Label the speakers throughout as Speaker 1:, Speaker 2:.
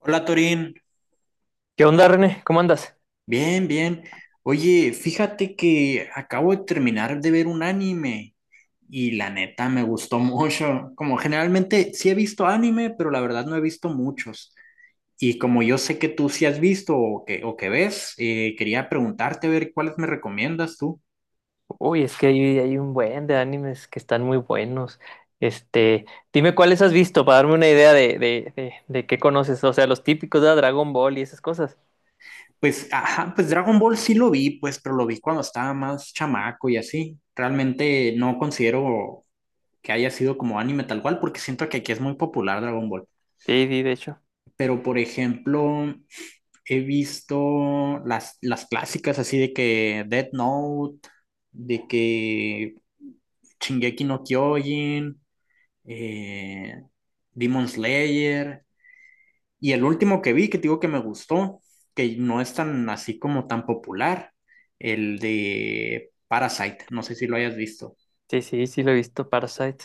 Speaker 1: Hola Torín,
Speaker 2: ¿Qué onda, René? ¿Cómo andas?
Speaker 1: bien, bien. Oye, fíjate que acabo de terminar de ver un anime y la neta me gustó mucho. Como generalmente sí he visto anime, pero la verdad no he visto muchos. Y como yo sé que tú sí has visto o que, ves, quería preguntarte a ver cuáles me recomiendas tú.
Speaker 2: Uy, es que hay un buen de animes que están muy buenos. Este, dime cuáles has visto para darme una idea de, de qué conoces. O sea, los típicos de Dragon Ball y esas cosas.
Speaker 1: Pues, ajá, pues Dragon Ball sí lo vi, pues, pero lo vi cuando estaba más chamaco y así. Realmente no considero que haya sido como anime tal cual, porque siento que aquí es muy popular Dragon Ball.
Speaker 2: Sí, sí, de hecho.
Speaker 1: Pero por ejemplo, he visto las, clásicas así de que Death Note, de que Shingeki no Kyojin, eh, Demon Slayer, y el último que vi que te digo que me gustó, que no es tan así como tan popular, el de Parasite, no sé si lo hayas visto.
Speaker 2: Sí, sí, sí lo he visto, Parasite.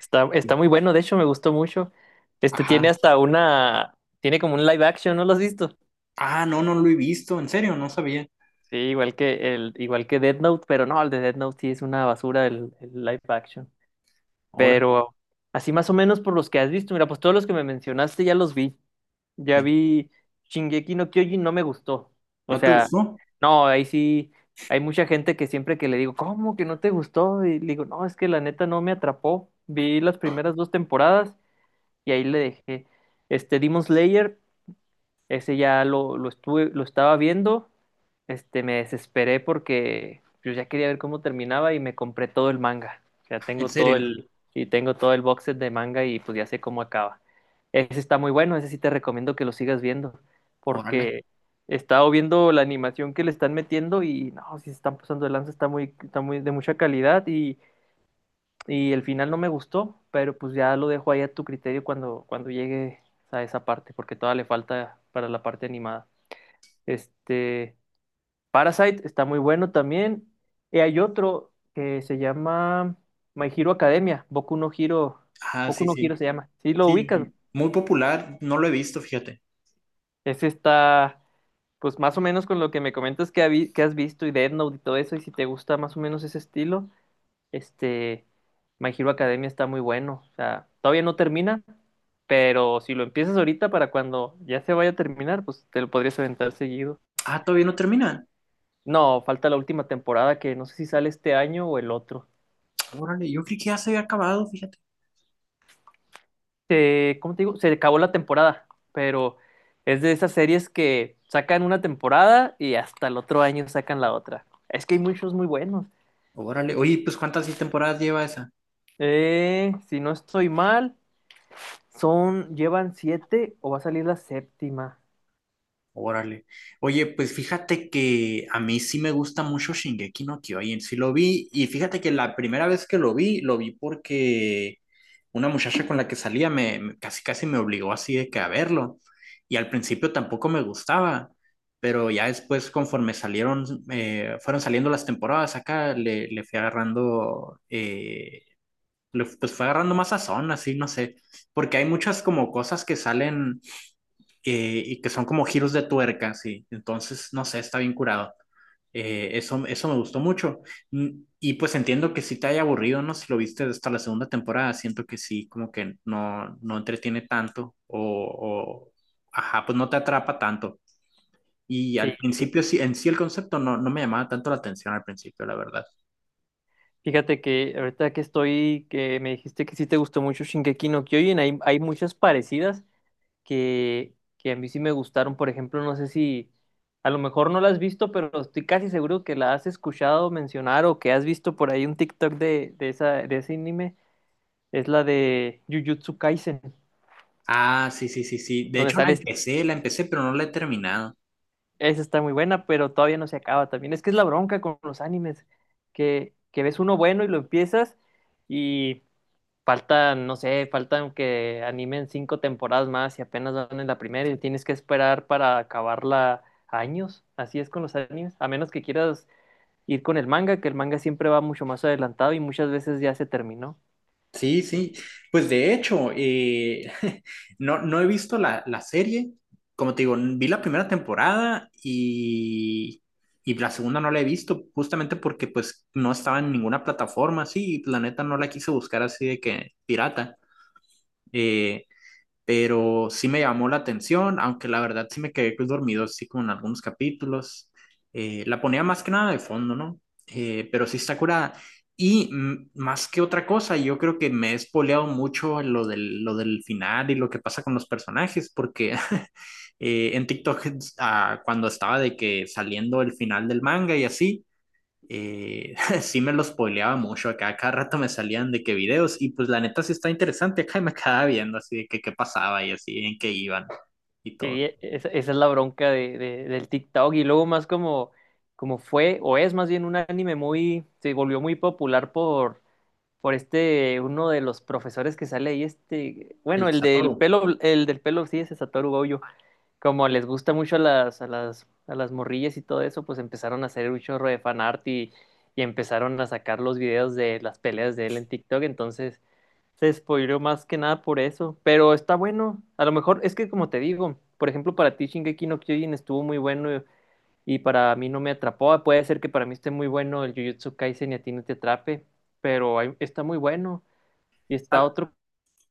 Speaker 2: Está muy bueno, de hecho, me gustó mucho. Este tiene
Speaker 1: Ajá.
Speaker 2: hasta una, tiene como un live action, ¿no lo has visto?
Speaker 1: Ah, no, no lo he visto, en serio, no sabía.
Speaker 2: Sí, igual que el, igual que Death Note, pero no, el de Death Note sí es una basura el live action.
Speaker 1: Ahora,
Speaker 2: Pero así más o menos por los que has visto, mira, pues todos los que me mencionaste ya los vi. Ya
Speaker 1: eh,
Speaker 2: vi Shingeki no Kyojin, no me gustó. O
Speaker 1: ¿no te
Speaker 2: sea,
Speaker 1: gustó?
Speaker 2: no, ahí sí hay mucha gente que siempre que le digo, ¿cómo que no te gustó? Y le digo, no, es que la neta no me atrapó. Vi las primeras dos temporadas y ahí le dejé. Este Demon Slayer, ese ya lo estuve, lo estaba viendo me desesperé porque yo ya quería ver cómo terminaba y me compré todo el manga. O sea,
Speaker 1: En
Speaker 2: tengo todo
Speaker 1: serio,
Speaker 2: el, y tengo todo el box set de manga y pues ya sé cómo acaba. Ese está muy bueno, ese sí te recomiendo que lo sigas viendo,
Speaker 1: órale.
Speaker 2: porque he estado viendo la animación que le están metiendo y no, si se están pasando de lanza, está muy de mucha calidad y el final no me gustó, pero pues ya lo dejo ahí a tu criterio cuando, cuando llegue a esa parte, porque todavía le falta para la parte animada. Este, Parasite está muy bueno también. Y hay otro que se llama My Hero Academia,
Speaker 1: Ah,
Speaker 2: Boku
Speaker 1: sí,
Speaker 2: no Hero
Speaker 1: sí.
Speaker 2: se llama. Sí, lo ubicas.
Speaker 1: Sí, muy popular, no lo he visto, fíjate.
Speaker 2: Ese está, pues más o menos con lo que me comentas que, que has visto y Death Note y todo eso, y si te gusta más o menos ese estilo, este, My Hero Academia está muy bueno. O sea, todavía no termina, pero si lo empiezas ahorita para cuando ya se vaya a terminar, pues te lo podrías aventar seguido.
Speaker 1: Ah, todavía no termina.
Speaker 2: No, falta la última temporada que no sé si sale este año o el otro.
Speaker 1: Órale, yo creí que ya se había acabado, fíjate.
Speaker 2: ¿Cómo te digo? Se acabó la temporada, pero es de esas series que sacan una temporada y hasta el otro año sacan la otra. Es que hay muchos muy buenos.
Speaker 1: Órale,
Speaker 2: Es-
Speaker 1: oye, pues ¿cuántas sí temporadas lleva esa?
Speaker 2: si no estoy mal, son, llevan siete o va a salir la séptima.
Speaker 1: Órale. Oye, pues fíjate que a mí sí me gusta mucho Shingeki no Kyojin. Sí lo vi y fíjate que la primera vez que lo vi porque una muchacha con la que salía casi casi me obligó así de que a verlo. Y al principio tampoco me gustaba, pero ya después conforme salieron, fueron saliendo las temporadas acá, le, fui agarrando, pues fue agarrando más sazón, así, no sé, porque hay muchas como cosas que salen y que son como giros de tuerca, sí. Entonces, no sé, está bien curado. Eso me gustó mucho. Y pues entiendo que sí te haya aburrido, ¿no? Si lo viste hasta la segunda temporada, siento que sí, como que no, entretiene tanto o, ajá, pues no te atrapa tanto. Y
Speaker 2: Sí,
Speaker 1: al
Speaker 2: sí.
Speaker 1: principio sí, en sí el concepto no, no me llamaba tanto la atención al principio, la verdad.
Speaker 2: Fíjate que ahorita que estoy, que me dijiste que sí te gustó mucho Shingeki no Kyojin, hay muchas parecidas que a mí sí me gustaron. Por ejemplo, no sé si a lo mejor no la has visto, pero estoy casi seguro que la has escuchado mencionar o que has visto por ahí un TikTok de esa, de ese anime. Es la de Jujutsu Kaisen,
Speaker 1: Ah, sí, sí, sí, sí. De
Speaker 2: donde
Speaker 1: hecho
Speaker 2: sale.
Speaker 1: la empecé, pero no la he terminado.
Speaker 2: Esa está muy buena, pero todavía no se acaba también. Es que es la bronca con los animes, que ves uno bueno y lo empiezas faltan, no sé, faltan que animen cinco temporadas más y apenas van en la primera y tienes que esperar para acabarla años. Así es con los animes, a menos que quieras ir con el manga, que el manga siempre va mucho más adelantado y muchas veces ya se terminó.
Speaker 1: Sí,
Speaker 2: Es-
Speaker 1: sí. Pues de hecho, no, no he visto la, serie. Como te digo, vi la primera temporada y, la segunda no la he visto justamente porque pues no estaba en ninguna plataforma, sí, y la neta no la quise buscar así de que pirata. Eh, pero sí me llamó la atención, aunque la verdad sí me quedé pues, dormido así con algunos capítulos. La ponía más que nada de fondo, ¿no? Pero sí está curada. Y más que otra cosa, yo creo que me he espoleado mucho lo del, final y lo que pasa con los personajes, porque en TikTok, cuando estaba de que saliendo el final del manga y así, eh, sí me los spoileaba mucho, acá cada rato me salían de qué videos y pues la neta sí está interesante, acá y me quedaba viendo así de que qué pasaba y así en qué iban y
Speaker 2: Sí,
Speaker 1: todo.
Speaker 2: esa, esa es la bronca de, del TikTok y luego más como, como fue o es más bien un anime muy, se volvió muy popular por este, uno de los profesores que sale ahí, este, bueno,
Speaker 1: El Satoru.
Speaker 2: el del pelo, sí, ese Satoru Gojo. Como les gusta mucho a las, a las morrillas y todo eso, pues empezaron a hacer un chorro de fanart y empezaron a sacar los videos de las peleas de él en TikTok, entonces se spoileó más que nada por eso, pero está bueno, a lo mejor es que como te digo, por ejemplo para ti Shingeki no Kyojin estuvo muy bueno y para mí no me atrapó, ah, puede ser que para mí esté muy bueno el Jujutsu Kaisen y a ti no te atrape, pero está muy bueno y está
Speaker 1: Ah,
Speaker 2: otro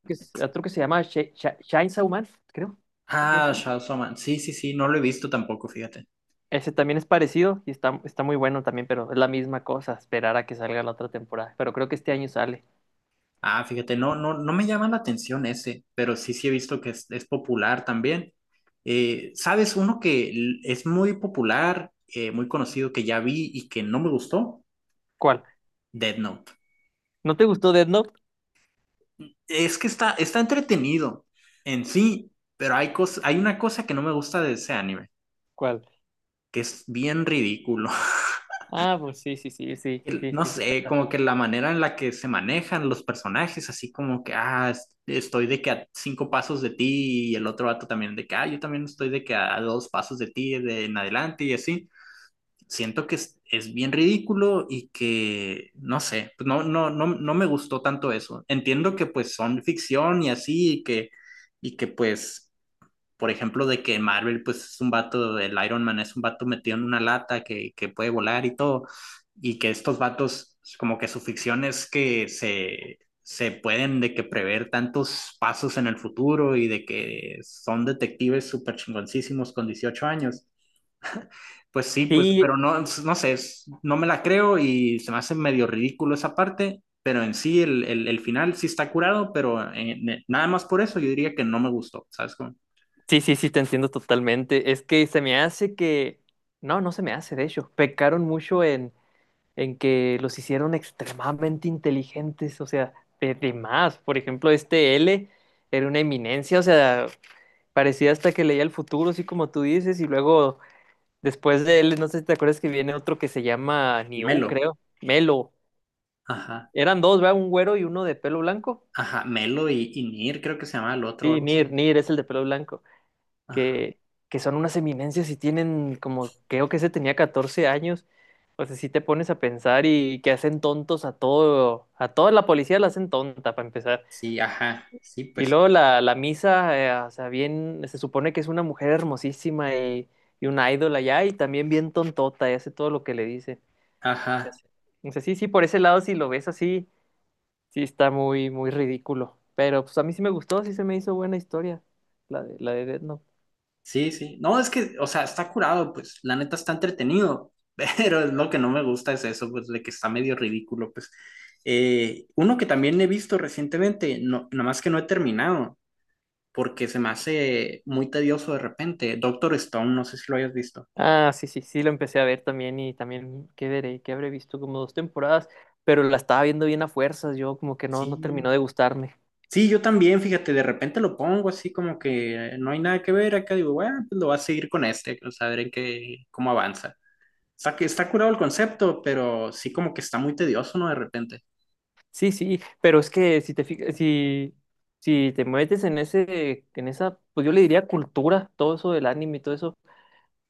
Speaker 2: que, otro que se llama Sh Sh Chainsaw Man, creo, algo
Speaker 1: ah,
Speaker 2: así.
Speaker 1: Shadow Shaman. Sí, sí, sí, no lo he visto tampoco, fíjate.
Speaker 2: Ese también es parecido y está, está muy bueno también, pero es la misma cosa, esperar a que salga la otra temporada. Pero creo que este año sale.
Speaker 1: Ah, fíjate, no, no, no me llama la atención ese, pero sí, sí he visto que es, popular también. ¿Sabes? Uno que es muy popular, muy conocido, que ya vi y que no me gustó,
Speaker 2: ¿Cuál?
Speaker 1: Dead Note.
Speaker 2: ¿No te gustó Death Note?
Speaker 1: Es que está, entretenido en sí, pero hay una cosa que no me gusta de ese anime,
Speaker 2: ¿Cuál?
Speaker 1: que es bien ridículo.
Speaker 2: Ah, pues sí, sí, sí, sí, sí,
Speaker 1: No
Speaker 2: sí, sí.
Speaker 1: sé, como que la manera en la que se manejan los personajes, así como que, ah, estoy de que a cinco pasos de ti y el otro vato también de que, yo también estoy de que a dos pasos de ti de en adelante y así. Siento que es, bien ridículo y que, no sé, pues no, no, no, no me gustó tanto eso. Entiendo que pues son ficción y así y que, pues por ejemplo, de que Marvel, pues es un vato, el Iron Man es un vato metido en una lata que, puede volar y todo, y que estos vatos, como que su ficción es que se pueden de que prever tantos pasos en el futuro y de que son detectives súper chingoncísimos con 18 años. Pues sí, pues, pero
Speaker 2: Sí,
Speaker 1: no, no sé, no me la creo y se me hace medio ridículo esa parte, pero en sí el, final sí está curado, pero nada más por eso yo diría que no me gustó, ¿sabes? Como,
Speaker 2: sí, sí, sí, te entiendo totalmente. Es que se me hace que... No, no se me hace, de hecho. Pecaron mucho en que los hicieron extremadamente inteligentes, o sea, de más. Por ejemplo, este L era una eminencia, o sea, parecía hasta que leía el futuro, así como tú dices, y luego después de él, no sé si te acuerdas que viene otro que se llama Niu,
Speaker 1: Melo.
Speaker 2: creo. Melo.
Speaker 1: Ajá.
Speaker 2: Eran dos, ¿verdad? Un güero y uno de pelo blanco.
Speaker 1: Ajá, Melo y, Nir, creo que se llama el otro o
Speaker 2: Sí,
Speaker 1: algo
Speaker 2: Nir,
Speaker 1: así.
Speaker 2: Nir es el de pelo blanco.
Speaker 1: Ajá,
Speaker 2: Que, que son unas eminencias y tienen como, creo que ese tenía 14 años. O sea, si te pones a pensar y que hacen tontos a todo, a toda la policía la hacen tonta para empezar.
Speaker 1: sí, ajá, sí,
Speaker 2: Y
Speaker 1: pues,
Speaker 2: luego la, la misa, o sea, bien, se supone que es una mujer hermosísima y una ídola ya, y también bien tontota y hace todo lo que le dicen. Ya
Speaker 1: ajá,
Speaker 2: sé. O sea, sí, sí, por ese lado, si lo ves así, sí está muy, muy ridículo. Pero pues a mí sí me gustó, sí se me hizo buena historia, la de Death Note.
Speaker 1: sí, sí. No, es que, o sea, está curado, pues, la neta está entretenido, pero es lo que no me gusta es eso, pues, de que está medio ridículo, pues. Uno que también he visto recientemente, no, nada más que no he terminado, porque se me hace muy tedioso de repente. Doctor Stone, no sé si lo hayas visto.
Speaker 2: Ah, sí, sí, sí, lo empecé a ver también y también, ¿qué veré? Que habré visto como dos temporadas, pero la estaba viendo bien a fuerzas, yo como que no, no
Speaker 1: Sí,
Speaker 2: terminó de gustarme.
Speaker 1: sí, yo también, fíjate, de repente lo pongo así como que no hay nada que ver acá, digo, bueno, pues lo voy a seguir con este, o sea, a ver cómo avanza. O sea, que está curado el concepto, pero sí como que está muy tedioso, ¿no? De repente.
Speaker 2: Sí, sí, pero es que si te fijas, si, si te metes en ese, en esa, pues yo le diría cultura, todo eso del anime y todo eso.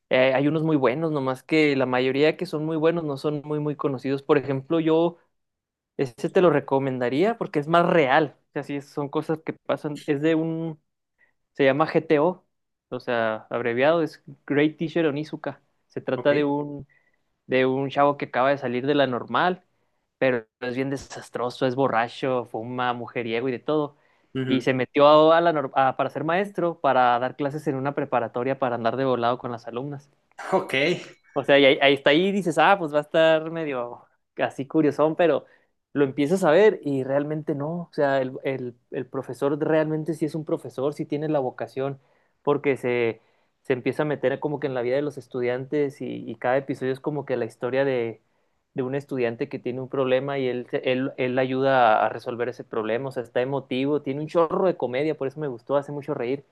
Speaker 2: Hay unos muy buenos, nomás que la mayoría que son muy buenos no son muy, muy conocidos. Por ejemplo, yo ese te lo recomendaría porque es más real. O sea, sí, son cosas que pasan. Es de un, se llama GTO, o sea, abreviado es Great Teacher Onizuka. Se trata
Speaker 1: Ok.
Speaker 2: de un chavo que acaba de salir de la normal, pero es bien desastroso, es borracho, fuma, mujeriego y de todo. Y
Speaker 1: Ujú.
Speaker 2: se metió a la para ser maestro, para dar clases en una preparatoria para andar de volado con las alumnas.
Speaker 1: Ok,
Speaker 2: O sea, ahí está ahí y dices, ah, pues va a estar medio así curiosón, pero lo empiezas a ver y realmente no. O sea, el profesor realmente sí es un profesor, sí tiene la vocación, porque se empieza a meter como que en la vida de los estudiantes y cada episodio es como que la historia de un estudiante que tiene un problema y él, él ayuda a resolver ese problema. O sea, está emotivo, tiene un chorro de comedia, por eso me gustó, hace mucho reír.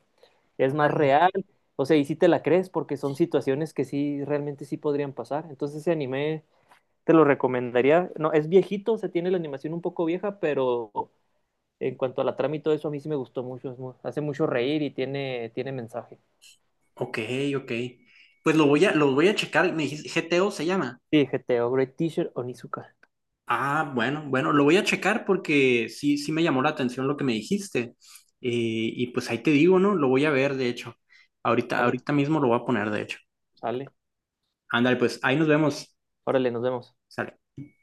Speaker 2: Es más real, o sea, y sí te la crees porque son situaciones que sí, realmente sí podrían pasar. Entonces ese anime te lo recomendaría. No, es viejito, o sea, tiene la animación un poco vieja, pero en cuanto a la trama y todo eso, a mí sí me gustó mucho. Hace mucho reír y tiene, tiene mensaje.
Speaker 1: ok, ok. Pues lo voy a checar, me dijiste, GTO se llama.
Speaker 2: Sí, GTO, Great Teacher, Onizuka.
Speaker 1: Ah, bueno, bueno, lo voy a checar porque sí, sí me llamó la atención lo que me dijiste. Y pues ahí te digo, ¿no? Lo voy a ver, de hecho.
Speaker 2: Sale,
Speaker 1: Ahorita mismo lo voy a poner, de hecho.
Speaker 2: sale.
Speaker 1: Ándale, pues ahí nos vemos.
Speaker 2: Órale, nos vemos.
Speaker 1: Sale.